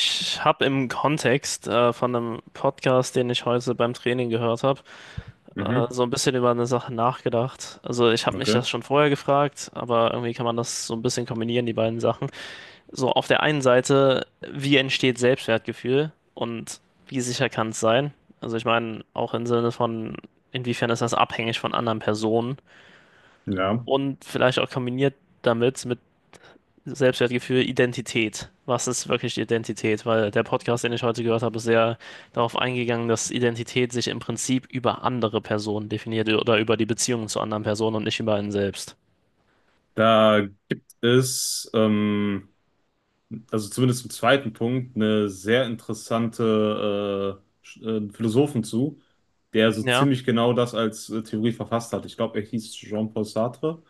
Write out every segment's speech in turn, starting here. Ich habe im Kontext von einem Podcast, den ich heute beim Training gehört habe, Mhm, so ein bisschen über eine Sache nachgedacht. Also ich habe mich okay. das schon vorher gefragt, aber irgendwie kann man das so ein bisschen kombinieren, die beiden Sachen. So auf der einen Seite, wie entsteht Selbstwertgefühl und wie sicher kann es sein? Also ich meine, auch im Sinne von, inwiefern ist das abhängig von anderen Personen Ja. und vielleicht auch kombiniert damit mit Selbstwertgefühl, Identität. Was ist wirklich die Identität? Weil der Podcast, den ich heute gehört habe, ist sehr darauf eingegangen, dass Identität sich im Prinzip über andere Personen definiert oder über die Beziehungen zu anderen Personen und nicht über einen selbst. Da gibt es, also zumindest im zweiten Punkt, eine sehr interessante Philosophen zu, der so Ja, ziemlich genau das als Theorie verfasst hat. Ich glaube, er hieß Jean-Paul Sartre.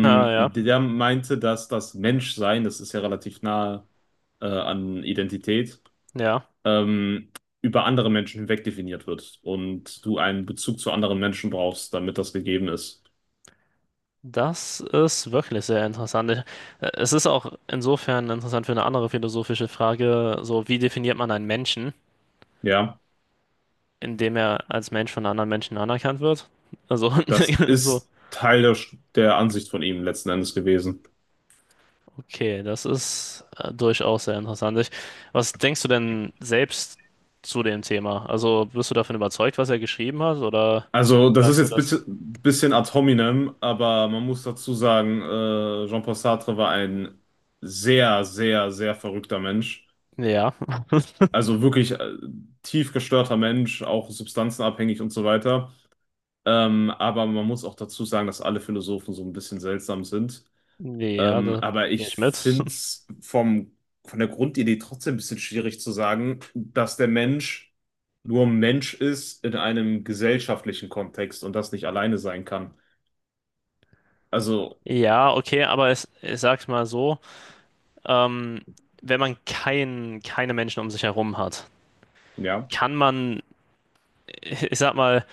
na ja, der meinte, dass das Menschsein, das ist ja relativ nahe an Identität, ja. ähm, über andere Menschen hinweg definiert wird und du einen Bezug zu anderen Menschen brauchst, damit das gegeben ist. Das ist wirklich sehr interessant. Es ist auch insofern interessant für eine andere philosophische Frage, so wie definiert man einen Menschen, Ja. indem er als Mensch von anderen Menschen anerkannt wird? Also, Das so, ist Teil der, der Ansicht von ihm letzten Endes gewesen. okay, das ist durchaus sehr interessant. Ich, was denkst du denn selbst zu dem Thema? Also bist du davon überzeugt, was er geschrieben hat, oder Also, das ist sagst du jetzt das? bitte ein bisschen ad hominem, aber man muss dazu sagen, Jean-Paul Sartre war ein sehr, sehr, sehr verrückter Mensch. Ja, Also wirklich tief gestörter Mensch, auch substanzenabhängig und so weiter. Aber man muss auch dazu sagen, dass alle Philosophen so ein bisschen seltsam sind. ja, Ähm, da aber gehe ich ich mit. finde es von der Grundidee trotzdem ein bisschen schwierig zu sagen, dass der Mensch nur Mensch ist in einem gesellschaftlichen Kontext und das nicht alleine sein kann. Also, Ja, okay, aber es, ich sag's mal so, ähm, wenn man keine Menschen um sich herum hat, ja, kann man ich sag mal,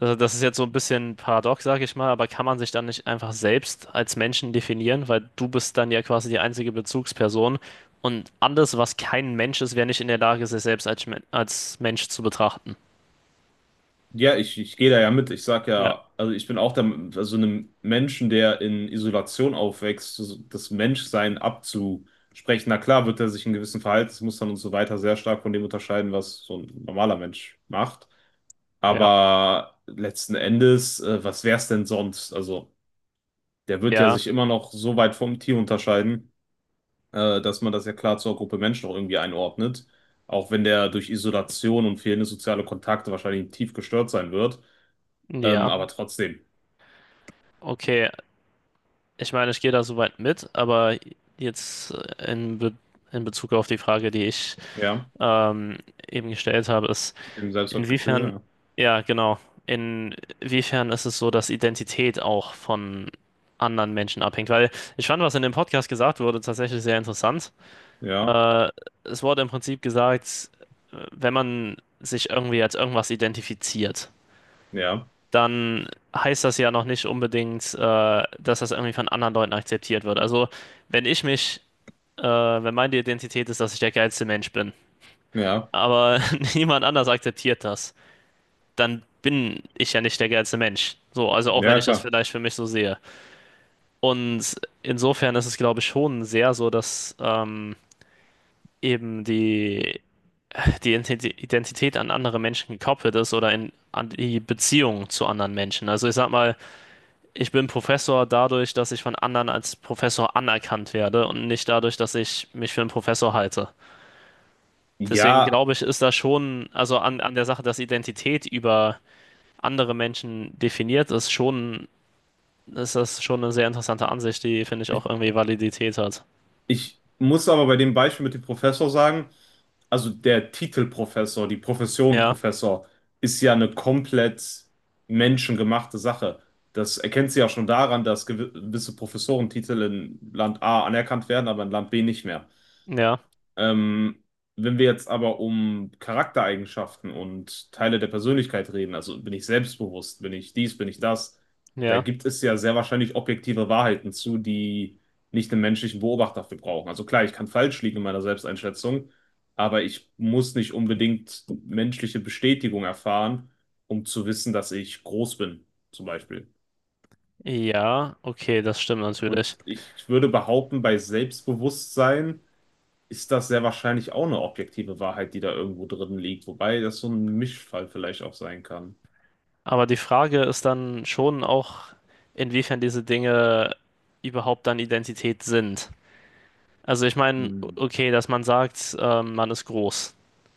also das ist jetzt so ein bisschen paradox, sag ich mal, aber kann man sich dann nicht einfach selbst als Menschen definieren, weil du bist dann ja quasi die einzige Bezugsperson und alles, was kein Mensch ist, wäre nicht in der Lage, sich selbst als Mensch zu betrachten. ja, ich gehe da ja mit. Ich sag Ja, ja, also ich bin auch der, also einem Menschen, der in Isolation aufwächst, so das Menschsein abzusprechen. Na klar, wird er sich in gewissen Verhaltensmustern und so weiter sehr stark von dem unterscheiden, was so ein normaler Mensch macht. ja, Aber letzten Endes, was wär's denn sonst? Also, der wird ja ja, sich immer noch so weit vom Tier unterscheiden, dass man das ja klar zur Gruppe Mensch noch irgendwie einordnet. Auch wenn der durch Isolation und fehlende soziale Kontakte wahrscheinlich tief gestört sein wird. Ähm, ja. aber trotzdem, Okay, ich meine, ich gehe da soweit mit, aber jetzt äh, in, Be in Bezug auf die Frage, die ich ja, ähm, eben gestellt habe, ist im Selbstwertgefühl, inwiefern, ja, ja, genau. Inwiefern ist es so, dass Identität auch von anderen Menschen abhängt? Weil ich fand, was in dem Podcast gesagt wurde, tatsächlich sehr interessant. ja, Äh, Es wurde im Prinzip gesagt, wenn man sich irgendwie als irgendwas identifiziert, ja, dann heißt das ja noch nicht unbedingt, dass das irgendwie von anderen Leuten akzeptiert wird. Also, wenn ich mich, wenn meine Identität ist, dass ich der geilste Mensch bin, ja, aber niemand anders akzeptiert das, dann bin ich ja nicht der geilste Mensch. So, also auch wenn ja, ich das klar. vielleicht für mich so sehe. Und insofern ist es, glaube ich, schon sehr so, dass eben die Identität an andere Menschen gekoppelt ist oder an die Beziehung zu anderen Menschen. Also ich sag mal, ich bin Professor dadurch, dass ich von anderen als Professor anerkannt werde und nicht dadurch, dass ich mich für einen Professor halte. Deswegen Ja. glaube ich, ist da schon, also an der Sache, dass Identität über andere Menschen definiert ist, schon ist das schon eine sehr interessante Ansicht, die, finde ich, auch irgendwie Validität hat. Ich muss aber bei dem Beispiel mit dem Professor sagen, also der Titel Professor, die Profession Ja, Professor, ist ja eine komplett menschengemachte Sache. Das erkennt sie ja schon daran, dass gewisse Professorentitel in Land A anerkannt werden, aber in Land B nicht mehr. ja, Ähm, wenn wir jetzt aber um Charaktereigenschaften und Teile der Persönlichkeit reden, also bin ich selbstbewusst, bin ich dies, bin ich das, da ja, gibt es ja sehr wahrscheinlich objektive Wahrheiten zu, die nicht den menschlichen Beobachter für brauchen. Also klar, ich kann falsch liegen in meiner Selbsteinschätzung, aber ich muss nicht unbedingt menschliche Bestätigung erfahren, um zu wissen, dass ich groß bin, zum Beispiel. ja, okay, das stimmt natürlich. Und ich würde behaupten, bei Selbstbewusstsein, ist das sehr wahrscheinlich auch eine objektive Wahrheit, die da irgendwo drin liegt, wobei das so ein Mischfall vielleicht auch sein kann. Aber die Frage ist dann schon auch, inwiefern diese Dinge überhaupt dann Identität sind. Also ich meine, Hm. okay, dass man sagt, man ist groß.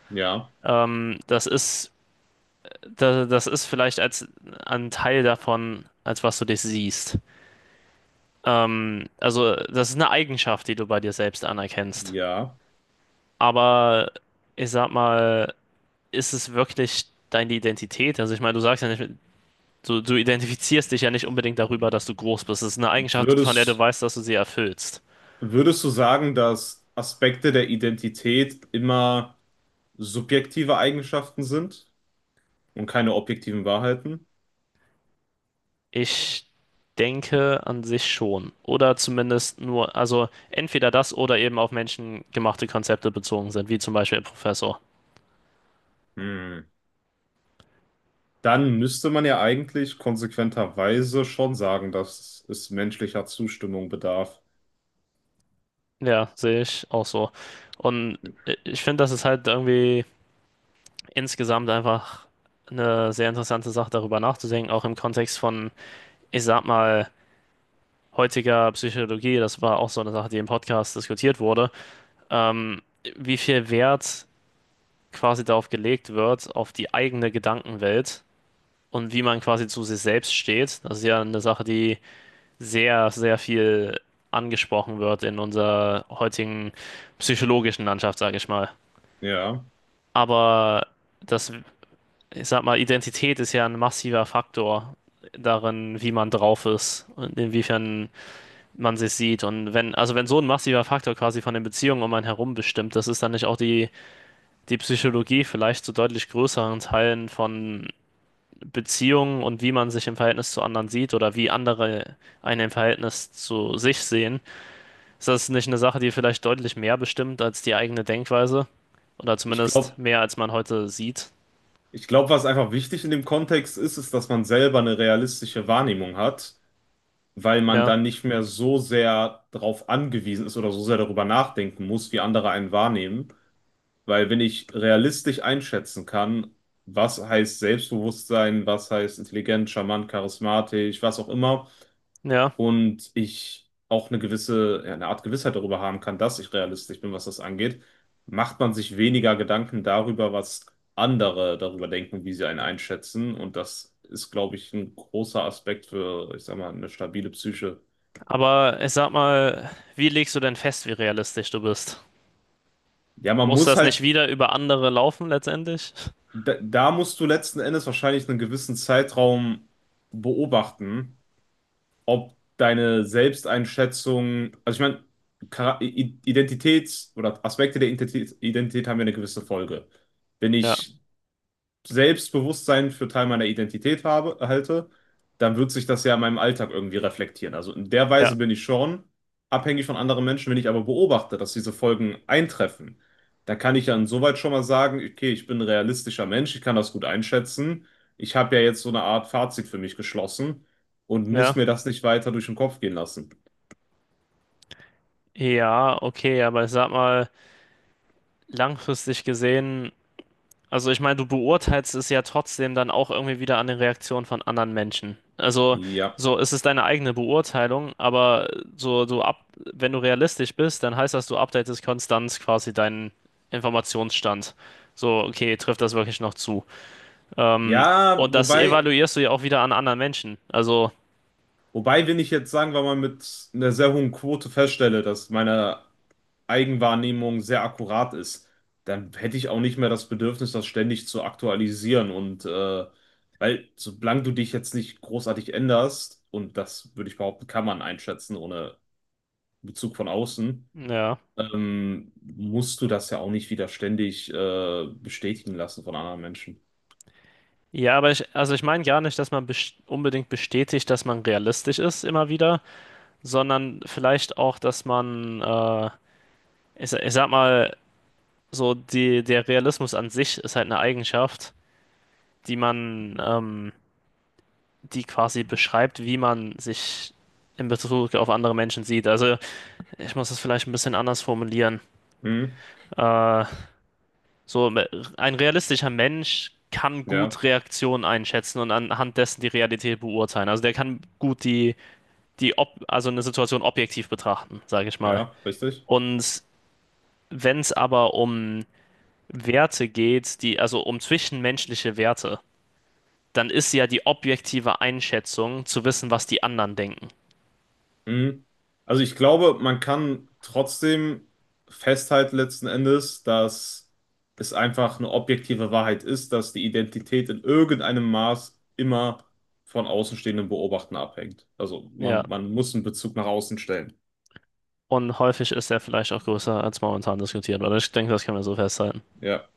Ja, Ähm, das ist, das ist vielleicht als ein Teil davon, als was du dich siehst. Also das ist eine Eigenschaft, die du bei dir selbst anerkennst. ja. Aber ich sag mal, ist es wirklich deine Identität? Also ich meine, du sagst ja nicht, du identifizierst dich ja nicht unbedingt darüber, dass du groß bist. Es ist eine Eigenschaft, von der du Würdest, weißt, dass du sie erfüllst. würdest du sagen, dass Aspekte der Identität immer subjektive Eigenschaften sind und keine objektiven Wahrheiten? Ich denke an sich schon. Oder zumindest nur, also entweder das oder eben auf menschengemachte Konzepte bezogen sind, wie zum Beispiel Professor. Hm. Dann müsste man ja eigentlich konsequenterweise schon sagen, dass es menschlicher Zustimmung bedarf. Ja, sehe ich auch so. Und ich finde, das ist halt irgendwie insgesamt einfach eine sehr interessante Sache, darüber nachzudenken, auch im Kontext von ich sag mal, heutiger Psychologie, das war auch so eine Sache, die im Podcast diskutiert wurde, ähm, wie viel Wert quasi darauf gelegt wird, auf die eigene Gedankenwelt und wie man quasi zu sich selbst steht. Das ist ja eine Sache, die sehr, sehr viel angesprochen wird in unserer heutigen psychologischen Landschaft, sage ich mal. Ja, Aber das, ich sag mal, Identität ist ja ein massiver Faktor darin, wie man drauf ist und inwiefern man sich sieht. Und wenn, also wenn so ein massiver Faktor quasi von den Beziehungen um einen herum bestimmt, das ist dann nicht auch die, die Psychologie vielleicht zu deutlich größeren Teilen von Beziehungen und wie man sich im Verhältnis zu anderen sieht oder wie andere einen im Verhältnis zu sich sehen. Ist das nicht eine Sache, die vielleicht deutlich mehr bestimmt als die eigene Denkweise? Oder ich zumindest glaube, mehr, als man heute sieht? ich glaube, was einfach wichtig in dem Kontext ist, ist, dass man selber eine realistische Wahrnehmung hat, weil man Ja, dann nicht mehr so sehr darauf angewiesen ist oder so sehr darüber nachdenken muss, wie andere einen wahrnehmen. Weil wenn ich realistisch einschätzen kann, was heißt Selbstbewusstsein, was heißt intelligent, charmant, charismatisch, was auch immer, ja. und ich auch eine gewisse, ja, eine Art Gewissheit darüber haben kann, dass ich realistisch bin, was das angeht, macht man sich weniger Gedanken darüber, was andere darüber denken, wie sie einen einschätzen. Und das ist, glaube ich, ein großer Aspekt für, ich sag mal, eine stabile Psyche. Aber ich sag mal, wie legst du denn fest, wie realistisch du bist? Ja, man Muss muss das nicht halt, wieder über andere laufen letztendlich? da musst du letzten Endes wahrscheinlich einen gewissen Zeitraum beobachten, ob deine Selbsteinschätzung, also ich meine, Identitäts- oder Aspekte der Identität, Identität haben ja eine gewisse Folge. Bin Ja, ich Selbstbewusstsein für Teil meiner Identität halte, dann wird sich das ja in meinem Alltag irgendwie reflektieren. Also in der ja. Weise bin ich schon abhängig von anderen Menschen. Wenn ich aber beobachte, dass diese Folgen eintreffen, dann kann ich ja insoweit schon mal sagen, okay, ich bin ein realistischer Mensch, ich kann das gut einschätzen. Ich habe ja jetzt so eine Art Fazit für mich geschlossen und muss Ja, mir das nicht weiter durch den Kopf gehen lassen. ja, okay, aber ich sag mal, langfristig gesehen, also ich meine, du beurteilst es ja trotzdem dann auch irgendwie wieder an den Reaktionen von anderen Menschen. Also, Ja. so, es ist deine eigene Beurteilung, aber so, wenn du realistisch bist, dann heißt das, du updatest konstant quasi deinen Informationsstand. So, okay, trifft das wirklich noch zu? Ähm, Ja, und das wobei, evaluierst du ja auch wieder an anderen Menschen. Also, wobei, wenn ich jetzt, sagen wir mal, mit einer sehr hohen Quote feststelle, dass meine Eigenwahrnehmung sehr akkurat ist, dann hätte ich auch nicht mehr das Bedürfnis, das ständig zu aktualisieren. Und weil, solange du dich jetzt nicht großartig änderst, und das würde ich behaupten, kann man einschätzen ohne Bezug von außen, ja. Musst du das ja auch nicht wieder ständig bestätigen lassen von anderen Menschen. Ja, aber ich, also ich meine gar nicht, dass man unbedingt bestätigt, dass man realistisch ist immer wieder, sondern vielleicht auch, dass man, ich sag mal, so der Realismus an sich ist halt eine Eigenschaft, die man, die quasi beschreibt, wie man sich in Bezug auf andere Menschen sieht. Also ich muss das vielleicht ein bisschen anders formulieren. Hm, Äh, so me- ein realistischer Mensch kann ja, gut Reaktionen einschätzen und anhand dessen die Realität beurteilen. Also der kann gut die die ob also eine Situation objektiv betrachten, sage ich mal. ja, richtig. Und wenn es aber um Werte geht, also um zwischenmenschliche Werte, dann ist ja die objektive Einschätzung zu wissen, was die anderen denken. Mhm. Also ich glaube, man kann trotzdem festhalten letzten Endes, dass es einfach eine objektive Wahrheit ist, dass die Identität in irgendeinem Maß immer von Außenstehenden beobachten abhängt. Also Ja. Man muss einen Bezug nach außen stellen. Und häufig ist er vielleicht auch größer als momentan diskutiert, oder ich denke, das kann man so festhalten. Ja.